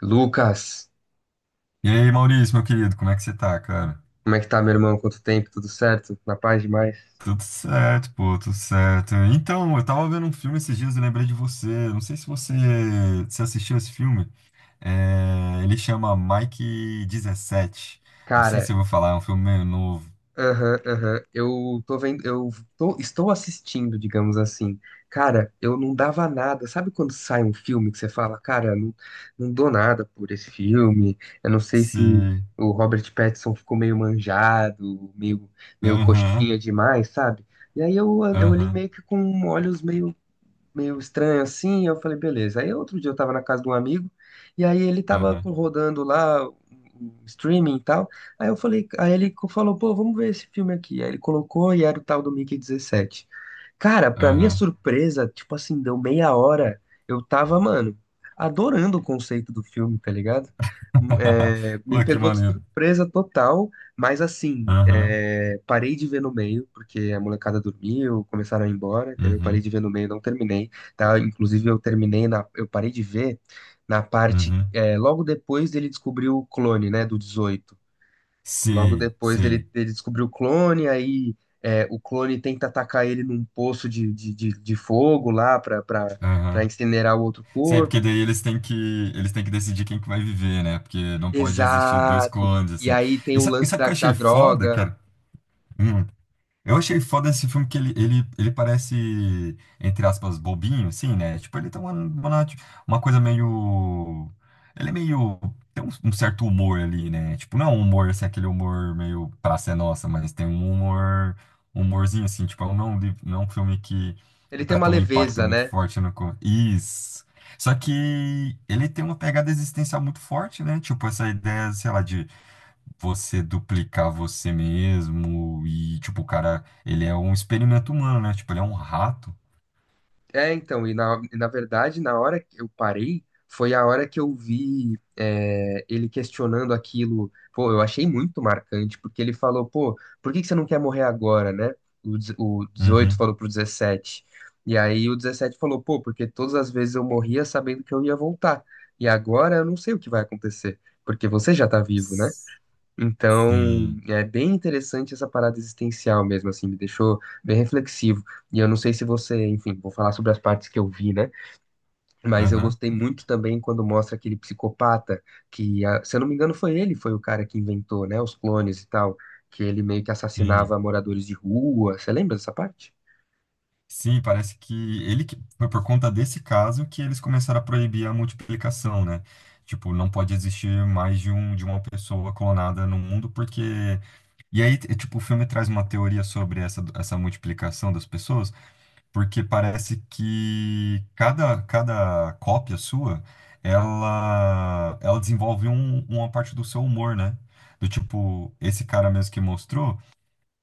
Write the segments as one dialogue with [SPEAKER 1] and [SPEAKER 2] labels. [SPEAKER 1] Lucas,
[SPEAKER 2] E aí, Maurício, meu querido, como é que você tá, cara?
[SPEAKER 1] como é que tá, meu irmão? Quanto tempo? Tudo certo? Na paz demais?
[SPEAKER 2] Tudo certo, pô, tudo certo. Então, eu tava vendo um filme esses dias e lembrei de você. Não sei se você se assistiu esse filme. É, ele chama Mike 17. Não sei se
[SPEAKER 1] Cara,
[SPEAKER 2] eu vou falar, é um filme meio novo.
[SPEAKER 1] aham, aham. Eu tô vendo, estou assistindo, digamos assim. Cara, eu não dava nada. Sabe quando sai um filme que você fala, cara, não, não dou nada por esse filme. Eu não sei se
[SPEAKER 2] Se.
[SPEAKER 1] o Robert Pattinson ficou meio manjado, meio
[SPEAKER 2] Aham,
[SPEAKER 1] coxinha demais, sabe? E aí eu olhei
[SPEAKER 2] aham,
[SPEAKER 1] meio que com olhos meio estranho assim. Eu falei, beleza. Aí outro dia eu tava na casa de um amigo e aí ele
[SPEAKER 2] aham,
[SPEAKER 1] rodando lá um streaming e tal. Aí eu falei, aí ele falou, pô, vamos ver esse filme aqui. Aí ele colocou e era o tal do Mickey dezessete. Cara, pra minha
[SPEAKER 2] aham.
[SPEAKER 1] surpresa, tipo assim, deu meia hora. Eu tava, mano, adorando o conceito do filme, tá ligado? É, me
[SPEAKER 2] Pô, que
[SPEAKER 1] pegou de
[SPEAKER 2] maneiro.
[SPEAKER 1] surpresa total, mas assim,
[SPEAKER 2] Aham,
[SPEAKER 1] é, parei de ver no meio, porque a molecada dormiu, começaram a ir embora, entendeu? Parei
[SPEAKER 2] uhum,
[SPEAKER 1] de ver no meio, não terminei, tá? Inclusive eu eu parei de ver na parte,
[SPEAKER 2] uhum.
[SPEAKER 1] é, logo depois dele descobrir o clone, né, do 18. Logo
[SPEAKER 2] Sei,
[SPEAKER 1] depois dele,
[SPEAKER 2] sei.
[SPEAKER 1] dele descobrir o clone, aí é, o clone tenta atacar ele num poço de fogo lá pra
[SPEAKER 2] Aham.
[SPEAKER 1] incinerar o outro
[SPEAKER 2] Sim, é porque
[SPEAKER 1] corpo.
[SPEAKER 2] daí eles têm que decidir quem que vai viver, né? Porque não pode existir dois
[SPEAKER 1] Exato!
[SPEAKER 2] clones,
[SPEAKER 1] E
[SPEAKER 2] assim.
[SPEAKER 1] aí tem
[SPEAKER 2] E
[SPEAKER 1] o
[SPEAKER 2] sabe, e
[SPEAKER 1] lance
[SPEAKER 2] sabe o que
[SPEAKER 1] da,
[SPEAKER 2] eu
[SPEAKER 1] da
[SPEAKER 2] achei foda,
[SPEAKER 1] droga.
[SPEAKER 2] cara? Hum. Eu achei foda esse filme que ele parece, entre aspas, bobinho, assim, né? Tipo, ele tem uma coisa meio. Ele é meio. Tem um certo humor ali, né? Tipo, não é um humor, assim, aquele humor meio Praça é Nossa, mas tem um humor. Um humorzinho, assim, tipo, não é um filme que.
[SPEAKER 1] Ele tem
[SPEAKER 2] Pra
[SPEAKER 1] uma
[SPEAKER 2] ter um impacto
[SPEAKER 1] leveza,
[SPEAKER 2] muito
[SPEAKER 1] né?
[SPEAKER 2] forte no. co- isso. Só que ele tem uma pegada existencial muito forte, né? Tipo, essa ideia, sei lá, de você duplicar você mesmo e, tipo, o cara, ele é um experimento humano, né? Tipo, ele é um rato.
[SPEAKER 1] É, então, e na verdade, na hora que eu parei, foi a hora que eu vi é, ele questionando aquilo. Pô, eu achei muito marcante, porque ele falou, pô, por que que você não quer morrer agora, né? O 18
[SPEAKER 2] Uhum.
[SPEAKER 1] falou pro 17. E aí o 17 falou, pô, porque todas as vezes eu morria sabendo que eu ia voltar. E agora eu não sei o que vai acontecer, porque você já tá vivo, né? Então,
[SPEAKER 2] Sim.
[SPEAKER 1] é bem interessante essa parada existencial mesmo, assim, me deixou bem reflexivo. E eu não sei se você, enfim, vou falar sobre as partes que eu vi, né? Mas eu
[SPEAKER 2] Aham.
[SPEAKER 1] gostei muito também quando mostra aquele psicopata que, ah, se eu não me engano, foi ele, foi o cara que inventou, né, os clones e tal, que ele meio que
[SPEAKER 2] Sim.
[SPEAKER 1] assassinava moradores de rua. Você lembra dessa parte?
[SPEAKER 2] Sim, parece que foi por conta desse caso que eles começaram a proibir a multiplicação, né? Tipo, não pode existir mais de um de uma pessoa clonada no mundo porque tipo, o filme traz uma teoria sobre essa multiplicação das pessoas porque parece que cada cópia sua, ela desenvolve uma parte do seu humor, né? Do tipo, esse cara mesmo que mostrou,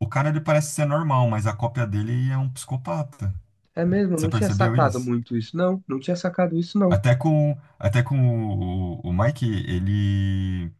[SPEAKER 2] o cara ele parece ser normal, mas a cópia dele é um psicopata.
[SPEAKER 1] É mesmo, eu
[SPEAKER 2] Você
[SPEAKER 1] não tinha
[SPEAKER 2] percebeu
[SPEAKER 1] sacado
[SPEAKER 2] isso?
[SPEAKER 1] muito isso, não. Não tinha sacado isso, não.
[SPEAKER 2] Até com o, o Mike, ele.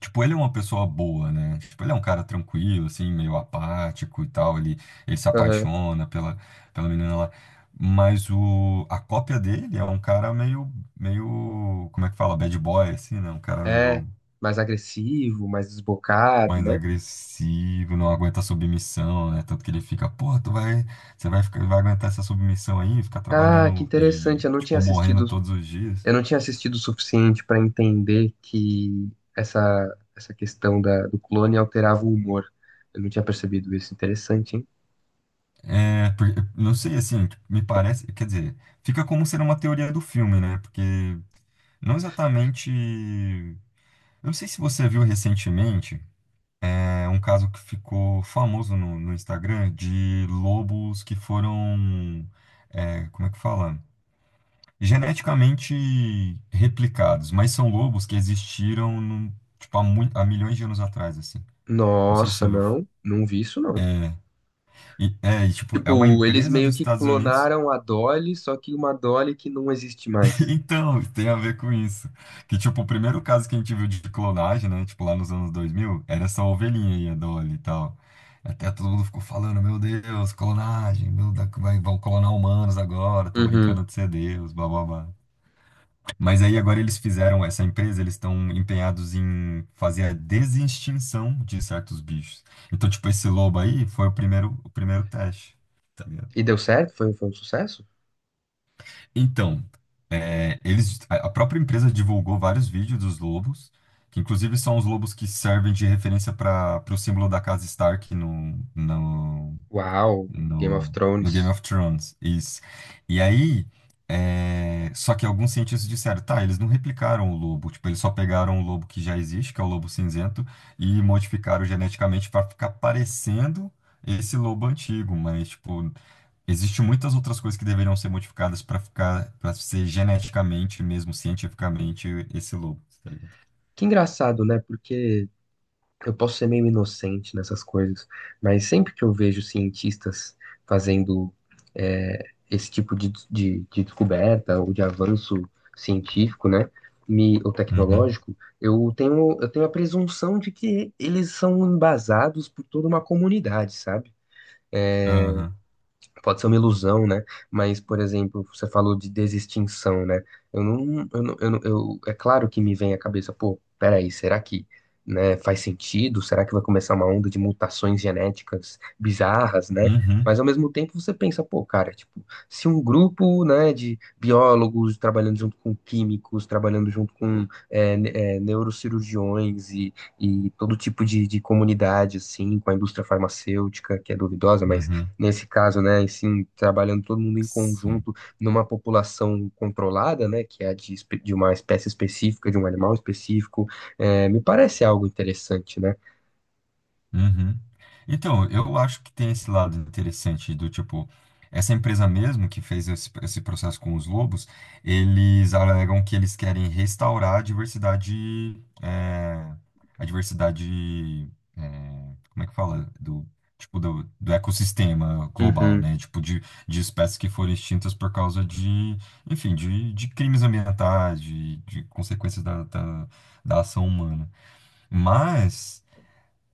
[SPEAKER 2] Tipo, ele é uma pessoa boa, né? Tipo, ele é um cara tranquilo, assim, meio apático e tal. Ele se
[SPEAKER 1] Aham.
[SPEAKER 2] apaixona pela, pela menina lá. Mas a cópia dele é um cara meio, meio, como é que fala? Bad boy, assim, né? Um cara
[SPEAKER 1] É,
[SPEAKER 2] meio
[SPEAKER 1] mais agressivo, mais desbocado,
[SPEAKER 2] mais
[SPEAKER 1] né?
[SPEAKER 2] agressivo, não aguenta submissão, né? Tanto que ele fica, pô, tu vai, você vai, vai aguentar essa submissão aí, ficar
[SPEAKER 1] Ah, que
[SPEAKER 2] trabalhando e,
[SPEAKER 1] interessante. Eu não tinha
[SPEAKER 2] tipo, morrendo
[SPEAKER 1] assistido.
[SPEAKER 2] todos os dias.
[SPEAKER 1] Eu não tinha assistido o suficiente para entender que essa, essa questão da, do clone alterava o humor. Eu não tinha percebido isso. Interessante, hein?
[SPEAKER 2] É, por- não sei, assim, me parece, quer dizer, fica como ser uma teoria do filme, né? Porque não exatamente. Eu não sei se você viu recentemente, é um caso que ficou famoso no Instagram de lobos que foram, é, como é que fala? Geneticamente replicados, mas são lobos que existiram tipo, há milhões de anos atrás, assim. Não sei se
[SPEAKER 1] Nossa,
[SPEAKER 2] você viu.
[SPEAKER 1] não. Não vi isso, não.
[SPEAKER 2] E, e, tipo, é uma
[SPEAKER 1] Tipo, eles
[SPEAKER 2] empresa
[SPEAKER 1] meio
[SPEAKER 2] dos
[SPEAKER 1] que
[SPEAKER 2] Estados Unidos.
[SPEAKER 1] clonaram a Dolly, só que uma Dolly que não existe mais.
[SPEAKER 2] Então, tem a ver com isso. Que, tipo, o primeiro caso que a gente viu de clonagem, né? Tipo, lá nos anos 2000 era essa ovelhinha aí, a Dolly e tal. Até todo mundo ficou falando, meu Deus, clonagem, meu, vai, vão clonar humanos agora, tô
[SPEAKER 1] Uhum.
[SPEAKER 2] brincando de ser Deus, blá, blá, blá. Mas aí agora eles fizeram, essa empresa, eles estão empenhados em fazer a desextinção de certos bichos. Então, tipo, esse lobo aí foi o primeiro teste.
[SPEAKER 1] E deu certo? Foi, foi um sucesso?
[SPEAKER 2] Então, é, eles, a própria empresa divulgou vários vídeos dos lobos, que inclusive são os lobos que servem de referência para o símbolo da casa Stark no, no,
[SPEAKER 1] Uau, Game of
[SPEAKER 2] no, no Game
[SPEAKER 1] Thrones.
[SPEAKER 2] of Thrones. Isso. E aí, é, só que alguns cientistas disseram, tá, eles não replicaram o lobo, tipo, eles só pegaram o lobo que já existe, que é o lobo cinzento, e modificaram geneticamente para ficar parecendo esse lobo antigo, mas, tipo, existem muitas outras coisas que deveriam ser modificadas para ficar, para ser geneticamente, mesmo cientificamente, esse lobo, tá ligado?
[SPEAKER 1] Que engraçado, né? Porque eu posso ser meio inocente nessas coisas, mas sempre que eu vejo cientistas fazendo é, esse tipo de descoberta ou de avanço científico, né, me, ou
[SPEAKER 2] Uhum,
[SPEAKER 1] tecnológico, eu tenho a presunção de que eles são embasados por toda uma comunidade, sabe?
[SPEAKER 2] aham,
[SPEAKER 1] Pode ser uma ilusão, né? Mas, por exemplo, você falou de desextinção, né? Eu não, eu não, eu não- eu- É claro que me vem à cabeça, pô, peraí, será que, né, faz sentido? Será que vai começar uma onda de mutações genéticas bizarras, né?
[SPEAKER 2] uhum,
[SPEAKER 1] Mas ao mesmo tempo você pensa, pô, cara, tipo, se um grupo, né, de biólogos trabalhando junto com químicos, trabalhando junto com neurocirurgiões e todo tipo de comunidade, assim, com a indústria farmacêutica, que é duvidosa, mas
[SPEAKER 2] uhum.
[SPEAKER 1] nesse caso, né, e sim trabalhando todo mundo em
[SPEAKER 2] Sim.
[SPEAKER 1] conjunto numa população controlada, né, que é a de, de uma espécie específica, de um animal específico, é, me parece algo interessante, né?
[SPEAKER 2] Uhum. Então, eu acho que tem esse lado interessante do tipo, essa empresa mesmo que fez esse processo com os lobos, eles alegam que eles querem restaurar a diversidade, é, como é que fala? Do, tipo, do ecossistema global,
[SPEAKER 1] Uhum.
[SPEAKER 2] né? Tipo, de espécies que foram extintas por causa de, enfim, de crimes ambientais, de consequências da ação humana. Mas.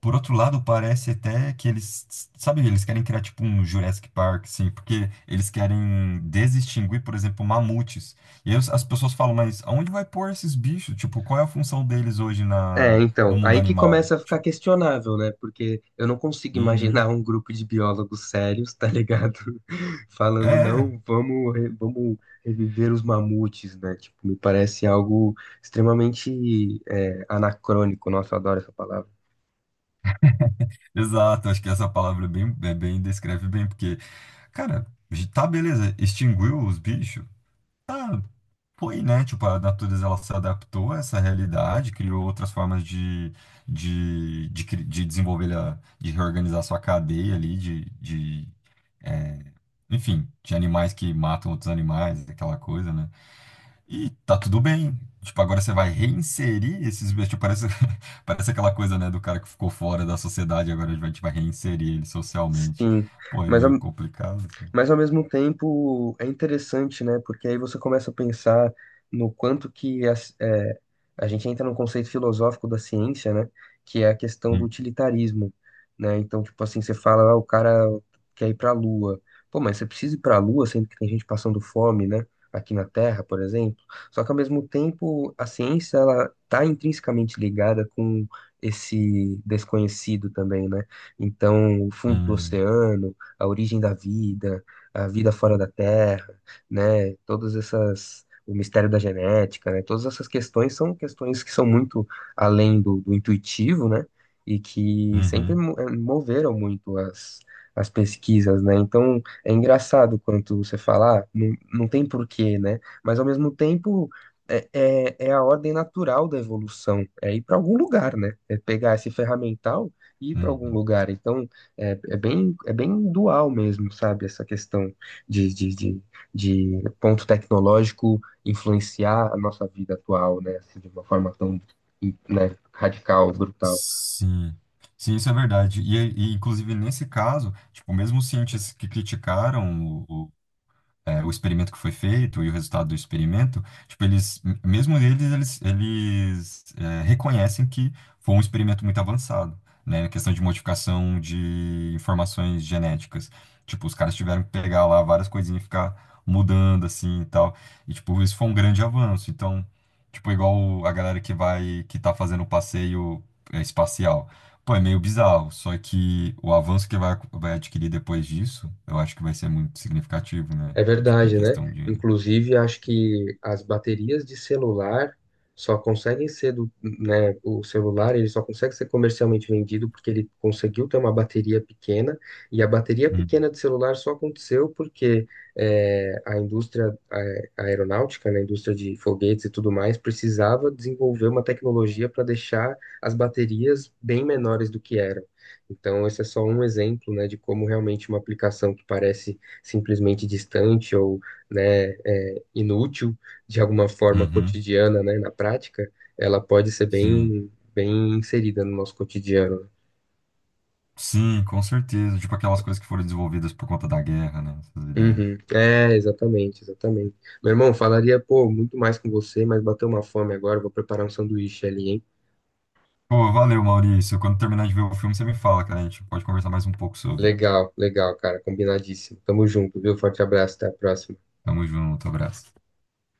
[SPEAKER 2] Por outro lado, parece até que eles, sabe, eles querem criar tipo um Jurassic Park, assim, porque eles querem desextinguir, por exemplo, mamutes. E aí as pessoas falam, mas aonde vai pôr esses bichos? Tipo, qual é a função deles hoje
[SPEAKER 1] É,
[SPEAKER 2] na, no
[SPEAKER 1] então,
[SPEAKER 2] mundo
[SPEAKER 1] aí que
[SPEAKER 2] animal?
[SPEAKER 1] começa a ficar
[SPEAKER 2] Tipo,
[SPEAKER 1] questionável, né? Porque eu não consigo
[SPEAKER 2] uhum.
[SPEAKER 1] imaginar um grupo de biólogos sérios, tá ligado?
[SPEAKER 2] É,
[SPEAKER 1] Falando,
[SPEAKER 2] é,
[SPEAKER 1] não, vamos reviver os mamutes, né? Tipo, me parece algo extremamente, é, anacrônico. Nossa, eu adoro essa palavra.
[SPEAKER 2] exato. Acho que essa palavra é bem, descreve bem, porque, cara, tá beleza, extinguiu os bichos, ah, foi, né? Tipo, a natureza ela se adaptou a essa realidade, criou outras formas de, de desenvolver, de reorganizar sua cadeia ali, de é, enfim, de animais que matam outros animais, aquela coisa, né? E tá tudo bem. Tipo, agora você vai reinserir esses bichos. Tipo, parece, parece aquela coisa, né, do cara que ficou fora da sociedade, agora a gente vai tipo, reinserir ele socialmente.
[SPEAKER 1] Sim,
[SPEAKER 2] Pô, é
[SPEAKER 1] mas ao
[SPEAKER 2] meio complicado, assim.
[SPEAKER 1] mas ao mesmo tempo é interessante, né? Porque aí você começa a pensar no quanto que é, a gente entra no conceito filosófico da ciência, né? Que é a questão do
[SPEAKER 2] Hum,
[SPEAKER 1] utilitarismo, né? Então, tipo assim, você fala, ah, o cara quer ir pra Lua. Pô, mas você precisa ir pra Lua sendo que tem gente passando fome, né? Aqui na Terra, por exemplo. Só que ao mesmo tempo, a ciência, ela tá intrinsecamente ligada com esse desconhecido também, né? Então, o fundo do
[SPEAKER 2] hum,
[SPEAKER 1] oceano, a origem da vida, a vida fora da Terra, né? Todas essas, o mistério da genética, né? Todas essas questões são questões que são muito além do, do intuitivo, né? E que sempre
[SPEAKER 2] uhum,
[SPEAKER 1] moveram muito as, as pesquisas, né? Então é engraçado quando você fala, ah, não, não tem porquê, né? Mas ao mesmo tempo é a ordem natural da evolução, é ir para algum lugar, né? É pegar esse ferramental e ir para algum
[SPEAKER 2] uhum.
[SPEAKER 1] lugar. Então é, é bem dual mesmo, sabe? Essa questão de, de, de, de ponto tecnológico influenciar a nossa vida atual, né? Assim, de uma forma tão, né, radical, brutal.
[SPEAKER 2] Sim, sim, isso é verdade. E, inclusive nesse caso, tipo, mesmo os cientistas que criticaram é, o experimento que foi feito e o resultado do experimento, tipo, eles, m- mesmo eles, eles, eles é, reconhecem que foi um experimento muito avançado, né? A questão de modificação de informações genéticas. Tipo, os caras tiveram que pegar lá várias coisinhas e ficar mudando, assim, e tal. E, tipo, isso foi um grande avanço. Então, tipo, igual a galera que vai, que tá fazendo o passeio é, espacial. Pô, é meio bizarro, só que o avanço que vai, vai adquirir depois disso, eu acho que vai ser muito significativo, né?
[SPEAKER 1] É
[SPEAKER 2] E, tipo, em
[SPEAKER 1] verdade, né?
[SPEAKER 2] questão de.
[SPEAKER 1] Inclusive, acho que as baterias de celular só conseguem ser do, né, o celular, ele só consegue ser comercialmente vendido porque ele conseguiu ter uma bateria pequena, e a bateria
[SPEAKER 2] Hum.
[SPEAKER 1] pequena de celular só aconteceu porque é, a aeronáutica, né, a indústria de foguetes e tudo mais, precisava desenvolver uma tecnologia para deixar as baterias bem menores do que eram. Então, esse é só um exemplo, né, de como realmente uma aplicação que parece simplesmente distante ou né, é, inútil de alguma forma
[SPEAKER 2] Uhum.
[SPEAKER 1] cotidiana, né, na prática, ela pode ser
[SPEAKER 2] Sim.
[SPEAKER 1] bem, bem inserida no nosso cotidiano.
[SPEAKER 2] Sim, com certeza. Tipo, aquelas coisas que foram desenvolvidas por conta da guerra, né? Essas ideias.
[SPEAKER 1] Uhum. É, exatamente, exatamente. Meu irmão, falaria, pô, muito mais com você, mas bateu uma fome agora, vou preparar um sanduíche ali, hein?
[SPEAKER 2] Pô, valeu, Maurício. Quando terminar de ver o filme, você me fala, cara. A gente pode conversar mais um pouco sobre.
[SPEAKER 1] Legal, legal, cara, combinadíssimo. Tamo junto, viu? Forte abraço, até a próxima.
[SPEAKER 2] Tamo junto, abraço.